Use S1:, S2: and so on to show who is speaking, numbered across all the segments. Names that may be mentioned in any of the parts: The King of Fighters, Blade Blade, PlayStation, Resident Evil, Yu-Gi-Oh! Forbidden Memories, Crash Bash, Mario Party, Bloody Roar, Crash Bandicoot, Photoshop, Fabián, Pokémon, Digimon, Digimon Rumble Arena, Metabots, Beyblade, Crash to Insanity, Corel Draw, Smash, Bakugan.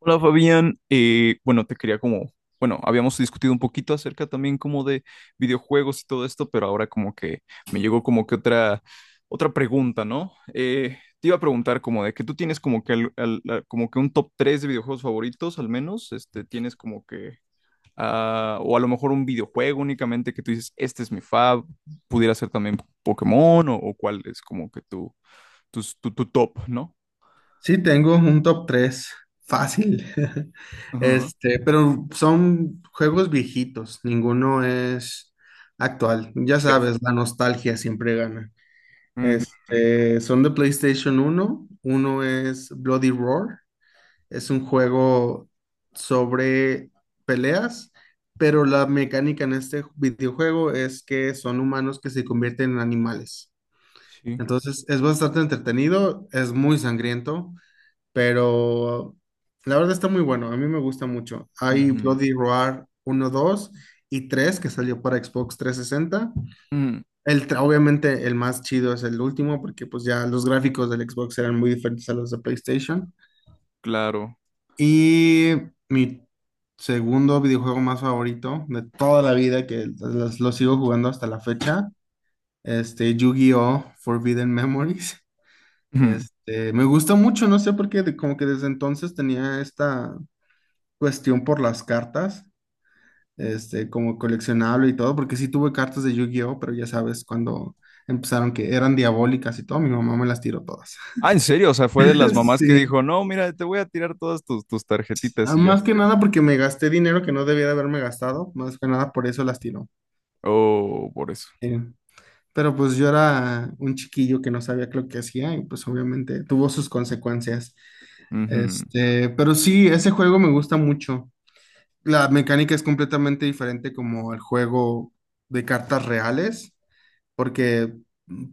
S1: Hola Fabián, bueno, te quería como, bueno, habíamos discutido un poquito acerca también como de videojuegos y todo esto, pero ahora como que me llegó como que otra pregunta, ¿no? Te iba a preguntar como de que tú tienes como que, como que un top 3 de videojuegos favoritos, al menos, este, tienes como que, o a lo mejor un videojuego únicamente que tú dices, pudiera ser también Pokémon o cuál es como que tu, tu, tu top, ¿no?
S2: Sí, tengo un top 3 fácil.
S1: Ajá.
S2: Pero son juegos viejitos, ninguno es actual. Ya
S1: Perf-
S2: sabes, la nostalgia siempre gana.
S1: Ujú.
S2: Son de PlayStation uno. Uno es Bloody Roar. Es un juego sobre peleas, pero la mecánica en este videojuego es que son humanos que se convierten en animales.
S1: Sí.
S2: Entonces, es bastante entretenido, es muy sangriento pero la verdad está muy bueno, a mí me gusta mucho. Hay
S1: Ujú.
S2: Bloody Roar uno 2 y 3 que salió para Xbox 360.
S1: Mm,
S2: Obviamente el más chido es el último porque pues ya los gráficos del Xbox eran muy diferentes a los de PlayStation.
S1: claro.
S2: Y mi segundo videojuego más favorito de toda la vida que lo sigo jugando hasta la fecha, Yu-Gi-Oh! Forbidden Memories.
S1: Ujú.
S2: Me gusta mucho, no sé por qué, como que desde entonces tenía esta cuestión por las cartas, como coleccionable y todo, porque sí tuve cartas de Yu-Gi-Oh, pero ya sabes, cuando empezaron que eran diabólicas y todo, mi mamá me las tiró todas.
S1: Ah, ¿en serio? O sea, fue de las mamás que
S2: Sí.
S1: dijo, no, mira, te voy a tirar todas tus
S2: Ah,
S1: tarjetitas y ya.
S2: más que nada porque me gasté dinero que no debía de haberme gastado, más que nada por eso las tiró.
S1: Oh, por eso.
S2: Eh, Pero pues yo era un chiquillo que no sabía lo que hacía y pues obviamente tuvo sus consecuencias.
S1: Ujú,
S2: Pero sí, ese juego me gusta mucho. La mecánica es completamente diferente como el juego de cartas reales, porque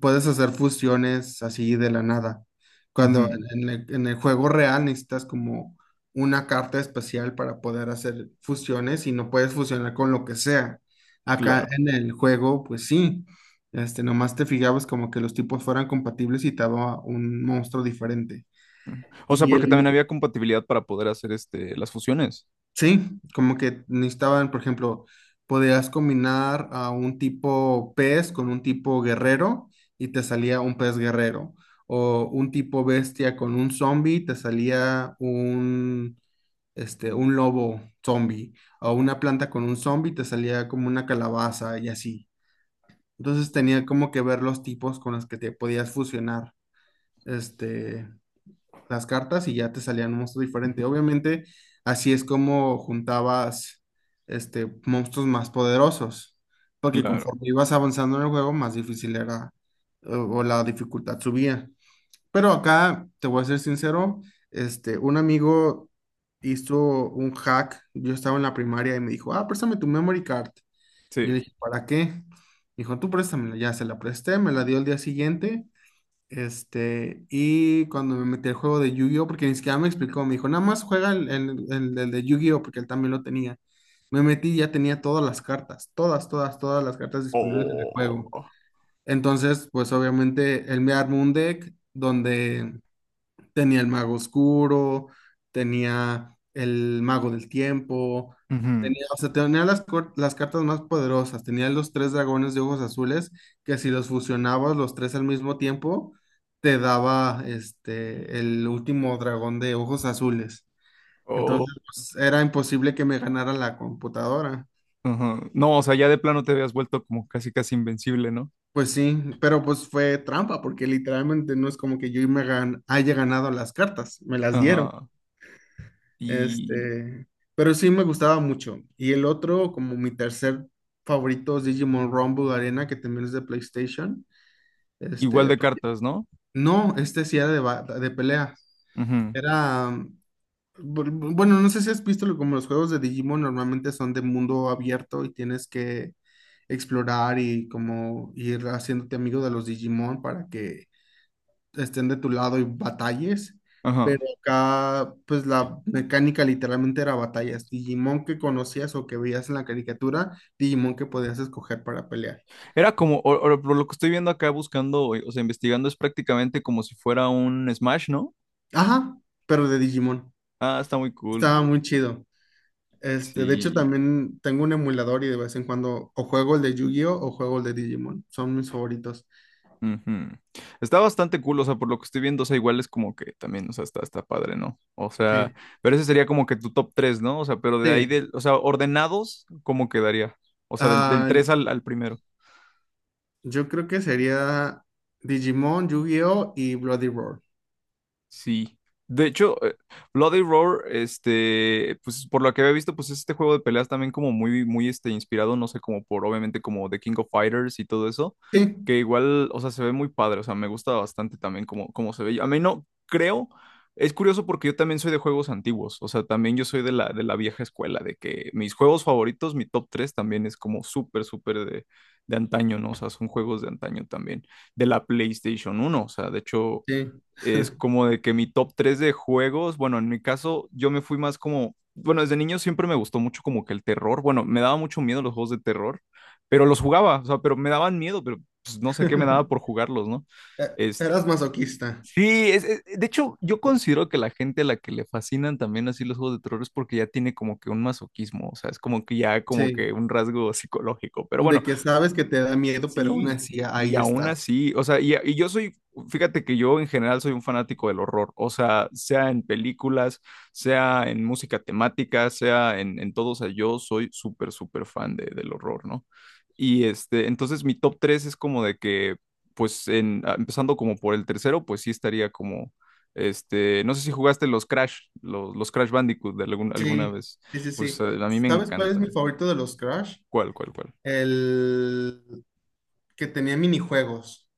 S2: puedes hacer fusiones así de la nada. Cuando
S1: ujú,
S2: en el juego real necesitas como una carta especial para poder hacer fusiones y no puedes fusionar con lo que sea. Acá
S1: claro.
S2: en el juego, pues sí, nomás te fijabas como que los tipos fueran compatibles y te daba un monstruo diferente.
S1: Ujú. O sea,
S2: Y
S1: porque
S2: el,
S1: también había compatibilidad para poder hacer este, las fusiones.
S2: Sí, como que necesitaban, por ejemplo, podías combinar a un tipo pez con un tipo guerrero y te salía un pez guerrero. O un tipo bestia con un zombie, te salía un lobo zombie. O una planta con un zombie, te salía como una calabaza y así. Entonces tenía como que ver los tipos con los que te podías fusionar. Este, las cartas y ya te salían un monstruo diferente. Obviamente, así es como juntabas monstruos más poderosos, porque
S1: Claro,
S2: conforme ibas avanzando en el juego, más difícil era, o la dificultad subía. Pero acá, te voy a ser sincero, un amigo hizo un hack, yo estaba en la primaria y me dijo, ah, préstame tu memory card. Y yo
S1: sí.
S2: le dije, ¿para qué? Dijo, tú préstamela, ya se la presté, me la dio el día siguiente, y cuando me metí al juego de Yu-Gi-Oh, porque ni siquiera me explicó, me dijo, nada más juega el de Yu-Gi-Oh, porque él también lo tenía. Me metí y ya tenía todas las cartas, todas, todas, todas las cartas disponibles en el juego.
S1: Oh.
S2: Entonces, pues obviamente él me armó un deck donde tenía el mago oscuro, tenía el mago del tiempo,
S1: Ujú.
S2: tenía, o sea, tenía las cartas más poderosas, tenía los tres dragones de ojos azules, que si los fusionabas los tres al mismo tiempo, te daba, el último dragón de ojos azules.
S1: Oh.
S2: Entonces, pues, era imposible que me ganara la computadora.
S1: Ajá. No, o sea, ya de plano te habías vuelto como casi casi invencible, ¿no?
S2: Pues sí, pero pues fue trampa, porque literalmente no es como que yo haya ganado las cartas, me las dieron.
S1: Ajá. Y
S2: Este, pero sí me gustaba mucho. Y el otro, como mi tercer favorito, es Digimon Rumble Arena, que también es de PlayStation.
S1: igual
S2: Este,
S1: de
S2: porque-
S1: cartas, ¿no?
S2: no, sí era de pelea.
S1: Ujú.
S2: Era, bueno, no sé si has visto como los juegos de Digimon normalmente son de mundo abierto y tienes que explorar y como ir haciéndote amigo de los Digimon para que estén de tu lado y batalles, pero
S1: Ajá.
S2: acá pues la mecánica literalmente era batallas. Digimon que conocías o que veías en la caricatura, Digimon que podías escoger para pelear.
S1: Era como, o por lo que estoy viendo acá buscando, o sea, investigando, es prácticamente como si fuera un Smash, ¿no?
S2: Ajá, pero de Digimon.
S1: Ah, está muy cool.
S2: Estaba muy chido. De hecho
S1: Sí.
S2: también tengo un emulador y de vez en cuando o juego el de Yu-Gi-Oh o juego el de Digimon. Son mis favoritos.
S1: Ujú. Está bastante cool, o sea, por lo que estoy viendo, o sea, igual es como que también, o sea, está padre, ¿no? O sea,
S2: Sí.
S1: pero ese sería como que tu top tres, ¿no? O sea, pero de ahí,
S2: Sí.
S1: del, o sea, ordenados, ¿cómo quedaría? O sea, del
S2: Ah,
S1: 3 al primero.
S2: yo creo que sería Digimon, Yu-Gi-Oh y Bloody Roar.
S1: Sí. De hecho, Bloody Roar, este, pues por lo que había visto, pues es este juego de peleas también como muy, muy, este, inspirado, no sé, como por, obviamente, como The King of Fighters y todo eso,
S2: Sí,
S1: que igual, o sea, se ve muy padre, o sea, me gusta bastante también como, como se ve. A mí no, creo, es curioso porque yo también soy de juegos antiguos, o sea, también yo soy de la, vieja escuela, de que mis juegos favoritos, mi top 3 también es como súper, súper de antaño, ¿no? O sea, son juegos de antaño también, de la PlayStation 1, o sea, de hecho
S2: sí.
S1: es como de que mi top 3 de juegos, bueno, en mi caso yo me fui más como, bueno, desde niño siempre me gustó mucho como que el terror, bueno, me daba mucho miedo los juegos de terror, pero los jugaba, o sea, pero me daban miedo, pero pues, no sé qué me daba por jugarlos, ¿no?
S2: E-
S1: es
S2: Eras masoquista.
S1: Sí, de hecho, yo considero que la gente a la que le fascinan también así los juegos de terror es porque ya tiene como que un masoquismo, o sea, es como que ya como
S2: Sí.
S1: que un rasgo psicológico. Pero
S2: De
S1: bueno,
S2: que sabes que te da miedo, pero aún
S1: sí,
S2: así
S1: y
S2: ahí
S1: aún
S2: estás.
S1: así, o sea, y yo soy, fíjate que yo en general soy un fanático del horror, o sea, sea en películas, sea en música temática, sea en todo, o sea, yo soy súper, súper fan del horror, ¿no? Y este, entonces mi top 3 es como de que, pues, empezando como por el tercero, pues sí estaría como, este, no sé si jugaste los Crash, los Crash Bandicoot de alguna
S2: Sí,
S1: vez,
S2: sí, sí,
S1: pues
S2: sí.
S1: a mí me
S2: ¿Sabes cuál es mi
S1: encantan.
S2: favorito de los Crash?
S1: ¿Cuál, cuál, cuál?
S2: El que tenía minijuegos.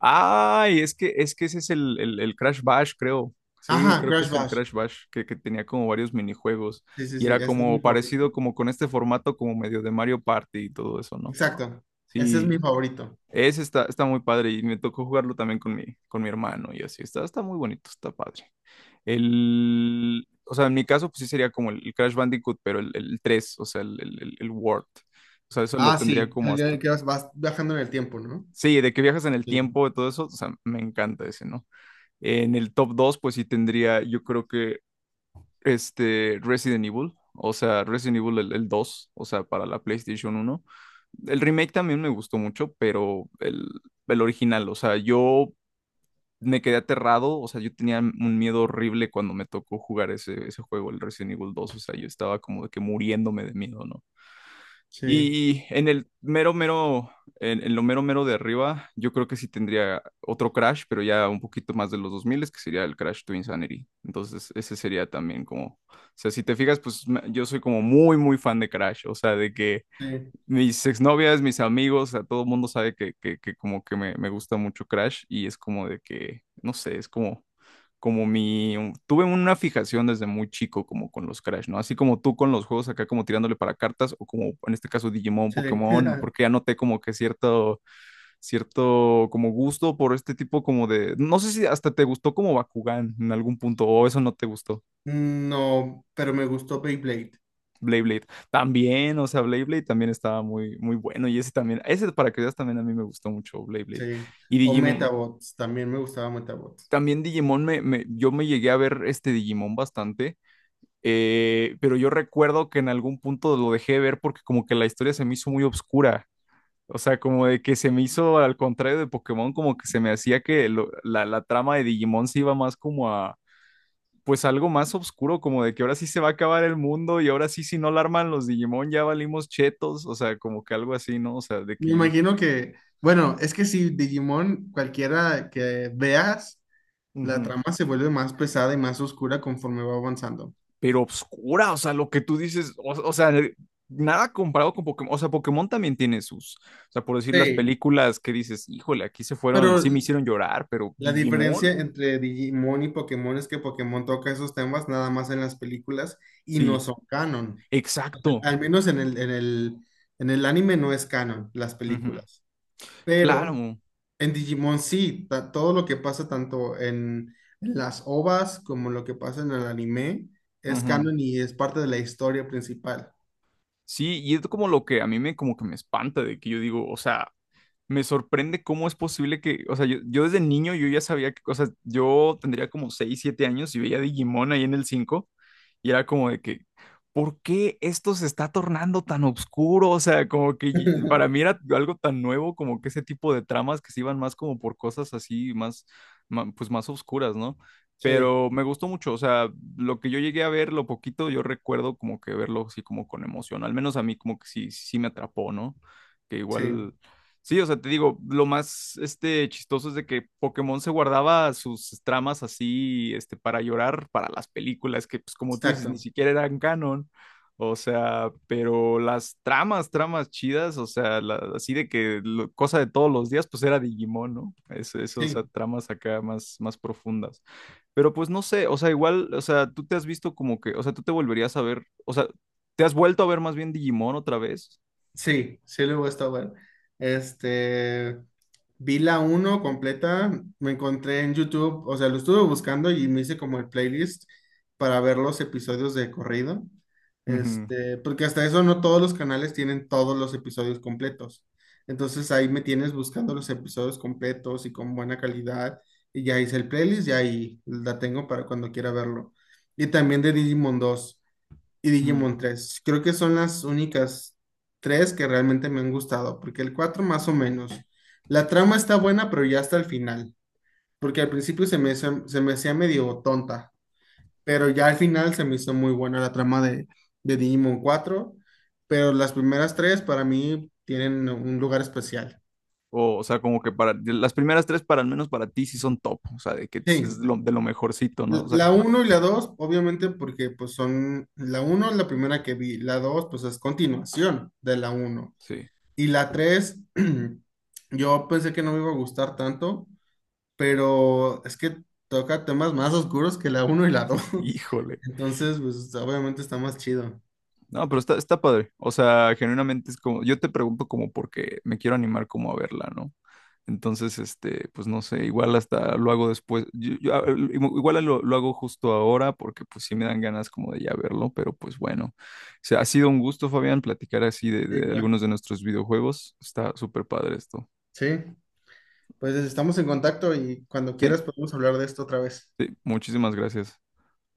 S1: Ay, es que ese es el, el Crash Bash, creo. Sí,
S2: Ajá,
S1: creo que
S2: Crash
S1: es el
S2: Bash.
S1: Crash Bash, que tenía como varios minijuegos
S2: Sí, sí,
S1: y
S2: sí,
S1: era
S2: ese es mi
S1: como
S2: favorito.
S1: parecido como con este formato como medio de Mario Party y todo eso, ¿no?
S2: Exacto. Ese es mi
S1: Sí,
S2: favorito.
S1: ese está muy padre y me tocó jugarlo también con con mi hermano y así, está muy bonito, está padre. O sea, en mi caso pues sí sería como el, el, Crash Bandicoot, pero el 3, o sea, el, el World. O sea, eso lo
S2: Ah,
S1: tendría
S2: sí,
S1: como
S2: el que
S1: hasta...
S2: el que vas viajando en el tiempo, ¿no?
S1: Sí, de que viajas en el
S2: Sí,
S1: tiempo y todo eso, o sea, me encanta ese, ¿no? En el top 2, pues sí tendría, yo creo que este Resident Evil, o sea, Resident Evil el, 2, o sea, para la PlayStation 1. El remake también me gustó mucho, pero el original, o sea, yo me quedé aterrado, o sea, yo tenía un miedo horrible cuando me tocó jugar ese juego, el Resident Evil 2, o sea, yo estaba como de que muriéndome de miedo, ¿no?
S2: sí,
S1: Y en el mero, mero, en lo mero, mero de arriba, yo creo que sí tendría otro Crash, pero ya un poquito más de los 2000, que sería el Crash to Insanity. Entonces, ese sería también como, o sea, si te fijas, pues yo soy como muy, muy fan de Crash, o sea, de que
S2: sí,
S1: mis exnovias, mis amigos, a todo el mundo sabe que, que como que me gusta mucho Crash y es como de que, no sé, es como, como mi, tuve una fijación desde muy chico como con los Crash, ¿no? Así como tú con los juegos acá como tirándole para cartas o como en este caso Digimon,
S2: sí.
S1: Pokémon, porque ya noté como que cierto como gusto por este tipo como de, no sé si hasta te gustó como Bakugan en algún punto o eso no te gustó.
S2: No, pero me gustó Beyblade.
S1: Blade Blade. También, o sea, Blade Blade también estaba muy, muy bueno. Y ese también, ese para que veas también a mí me gustó mucho Blade Blade.
S2: Sí.
S1: Y
S2: O
S1: Digimon,
S2: Metabots, también me gustaba Metabots.
S1: también Digimon, yo me llegué a ver este Digimon bastante, pero yo recuerdo que en algún punto lo dejé de ver porque como que la historia se me hizo muy obscura. O sea, como de que se me hizo, al contrario de Pokémon, como que se me hacía que la trama de Digimon se iba más como a pues algo más oscuro, como de que ahora sí se va a acabar el mundo y ahora sí si no la arman los Digimon ya valimos chetos, o sea, como que algo así, ¿no? O sea, de que
S2: Me
S1: yo dije,
S2: imagino que, bueno, es que si Digimon, cualquiera que veas, la
S1: "Ujú".
S2: trama se vuelve más pesada y más oscura conforme va avanzando.
S1: Pero oscura, o sea, lo que tú dices, o sea, nada comparado con Pokémon, o sea, Pokémon también tiene sus, o sea, por decir las
S2: Sí,
S1: películas que dices, híjole, aquí se fueron,
S2: pero
S1: sí me
S2: l-
S1: hicieron llorar, pero
S2: la
S1: Digimon,
S2: diferencia entre Digimon y Pokémon es que Pokémon toca esos temas nada más en las películas y no
S1: sí,
S2: son canon.
S1: exacto.
S2: Al menos en el anime no es canon las
S1: Ujú,
S2: películas. Pero
S1: claro,
S2: en Digimon sí, todo lo que pasa tanto en las OVAs como lo que pasa en el anime es
S1: ujú.
S2: canon y es parte de la historia principal.
S1: Sí, y es como lo que a mí me como que me espanta de que yo digo, o sea, me sorprende cómo es posible que, o sea, yo desde niño yo ya sabía que, o sea, yo tendría como 6 7 años y veía Digimon ahí en el 5 y era como de que, ¿por qué esto se está tornando tan oscuro? O sea, como que para mí era algo tan nuevo como que ese tipo de tramas que se iban más como por cosas así, más, pues más oscuras, ¿no?
S2: Sí,
S1: Pero me gustó mucho, o sea, lo que yo llegué a ver, lo poquito, yo recuerdo como que verlo así como con emoción, al menos a mí como que sí, sí me atrapó, ¿no? Que
S2: sí,
S1: igual... Sí, o sea, te digo, lo más este, chistoso es de que Pokémon se guardaba sus tramas así este, para llorar para las películas, que pues como tú dices, ni
S2: exacto.
S1: siquiera eran canon. O sea, pero las tramas, tramas chidas, o sea, así de que cosa de todos los días, pues era Digimon, ¿no? Es, eso, o
S2: Sí.
S1: sea, tramas acá más, más profundas. Pero pues no sé, o sea, igual, o sea, tú te has visto como que, o sea, tú te volverías a ver, o sea, ¿te has vuelto a ver más bien Digimon otra vez?
S2: Sí, sí, luego está bueno. Este, Vi la uno completa, me encontré en YouTube, o sea, lo estuve buscando y me hice como el playlist para ver los episodios de corrido.
S1: Ujú.
S2: Porque hasta eso no todos los canales tienen todos los episodios completos. Entonces ahí me tienes buscando los episodios completos y con buena calidad. Y ya hice el playlist y ahí la tengo para cuando quiera verlo. Y también de Digimon 2 y Digimon tres. Creo que son las únicas tres que realmente me han gustado, porque el 4 más o menos. La trama está buena, pero ya hasta el final, porque al principio se me hacía medio tonta, pero ya al final se me hizo muy buena la trama de Digimon cuatro, pero las primeras tres para mí tienen un lugar especial.
S1: O sea, como que para las primeras tres, para al menos para ti, sí son top. O sea, de que es es
S2: Sí,
S1: lo- de lo mejorcito, ¿no?
S2: l-
S1: O sea,
S2: la uno y la 2 obviamente porque pues son, la uno es la primera que vi, la 2 pues es continuación de la uno.
S1: sí.
S2: Y la 3 yo pensé que no me iba a gustar tanto, pero es que toca temas más oscuros que la uno y la dos.
S1: Híjole.
S2: Entonces, pues obviamente está más chido.
S1: No, pero está padre. O sea, genuinamente es como, yo te pregunto como porque me quiero animar como a verla, ¿no? Entonces, este, pues no sé, igual hasta lo hago después. Yo, igual lo hago justo ahora porque pues sí me dan ganas como de ya verlo, pero pues bueno. O sea, ha sido un gusto, Fabián, platicar así de,
S2: Sí,
S1: de
S2: claro.
S1: algunos de nuestros videojuegos. Está súper padre esto.
S2: Sí, pues estamos en contacto y cuando
S1: Sí,
S2: quieras podemos hablar de esto otra vez.
S1: sí, muchísimas gracias.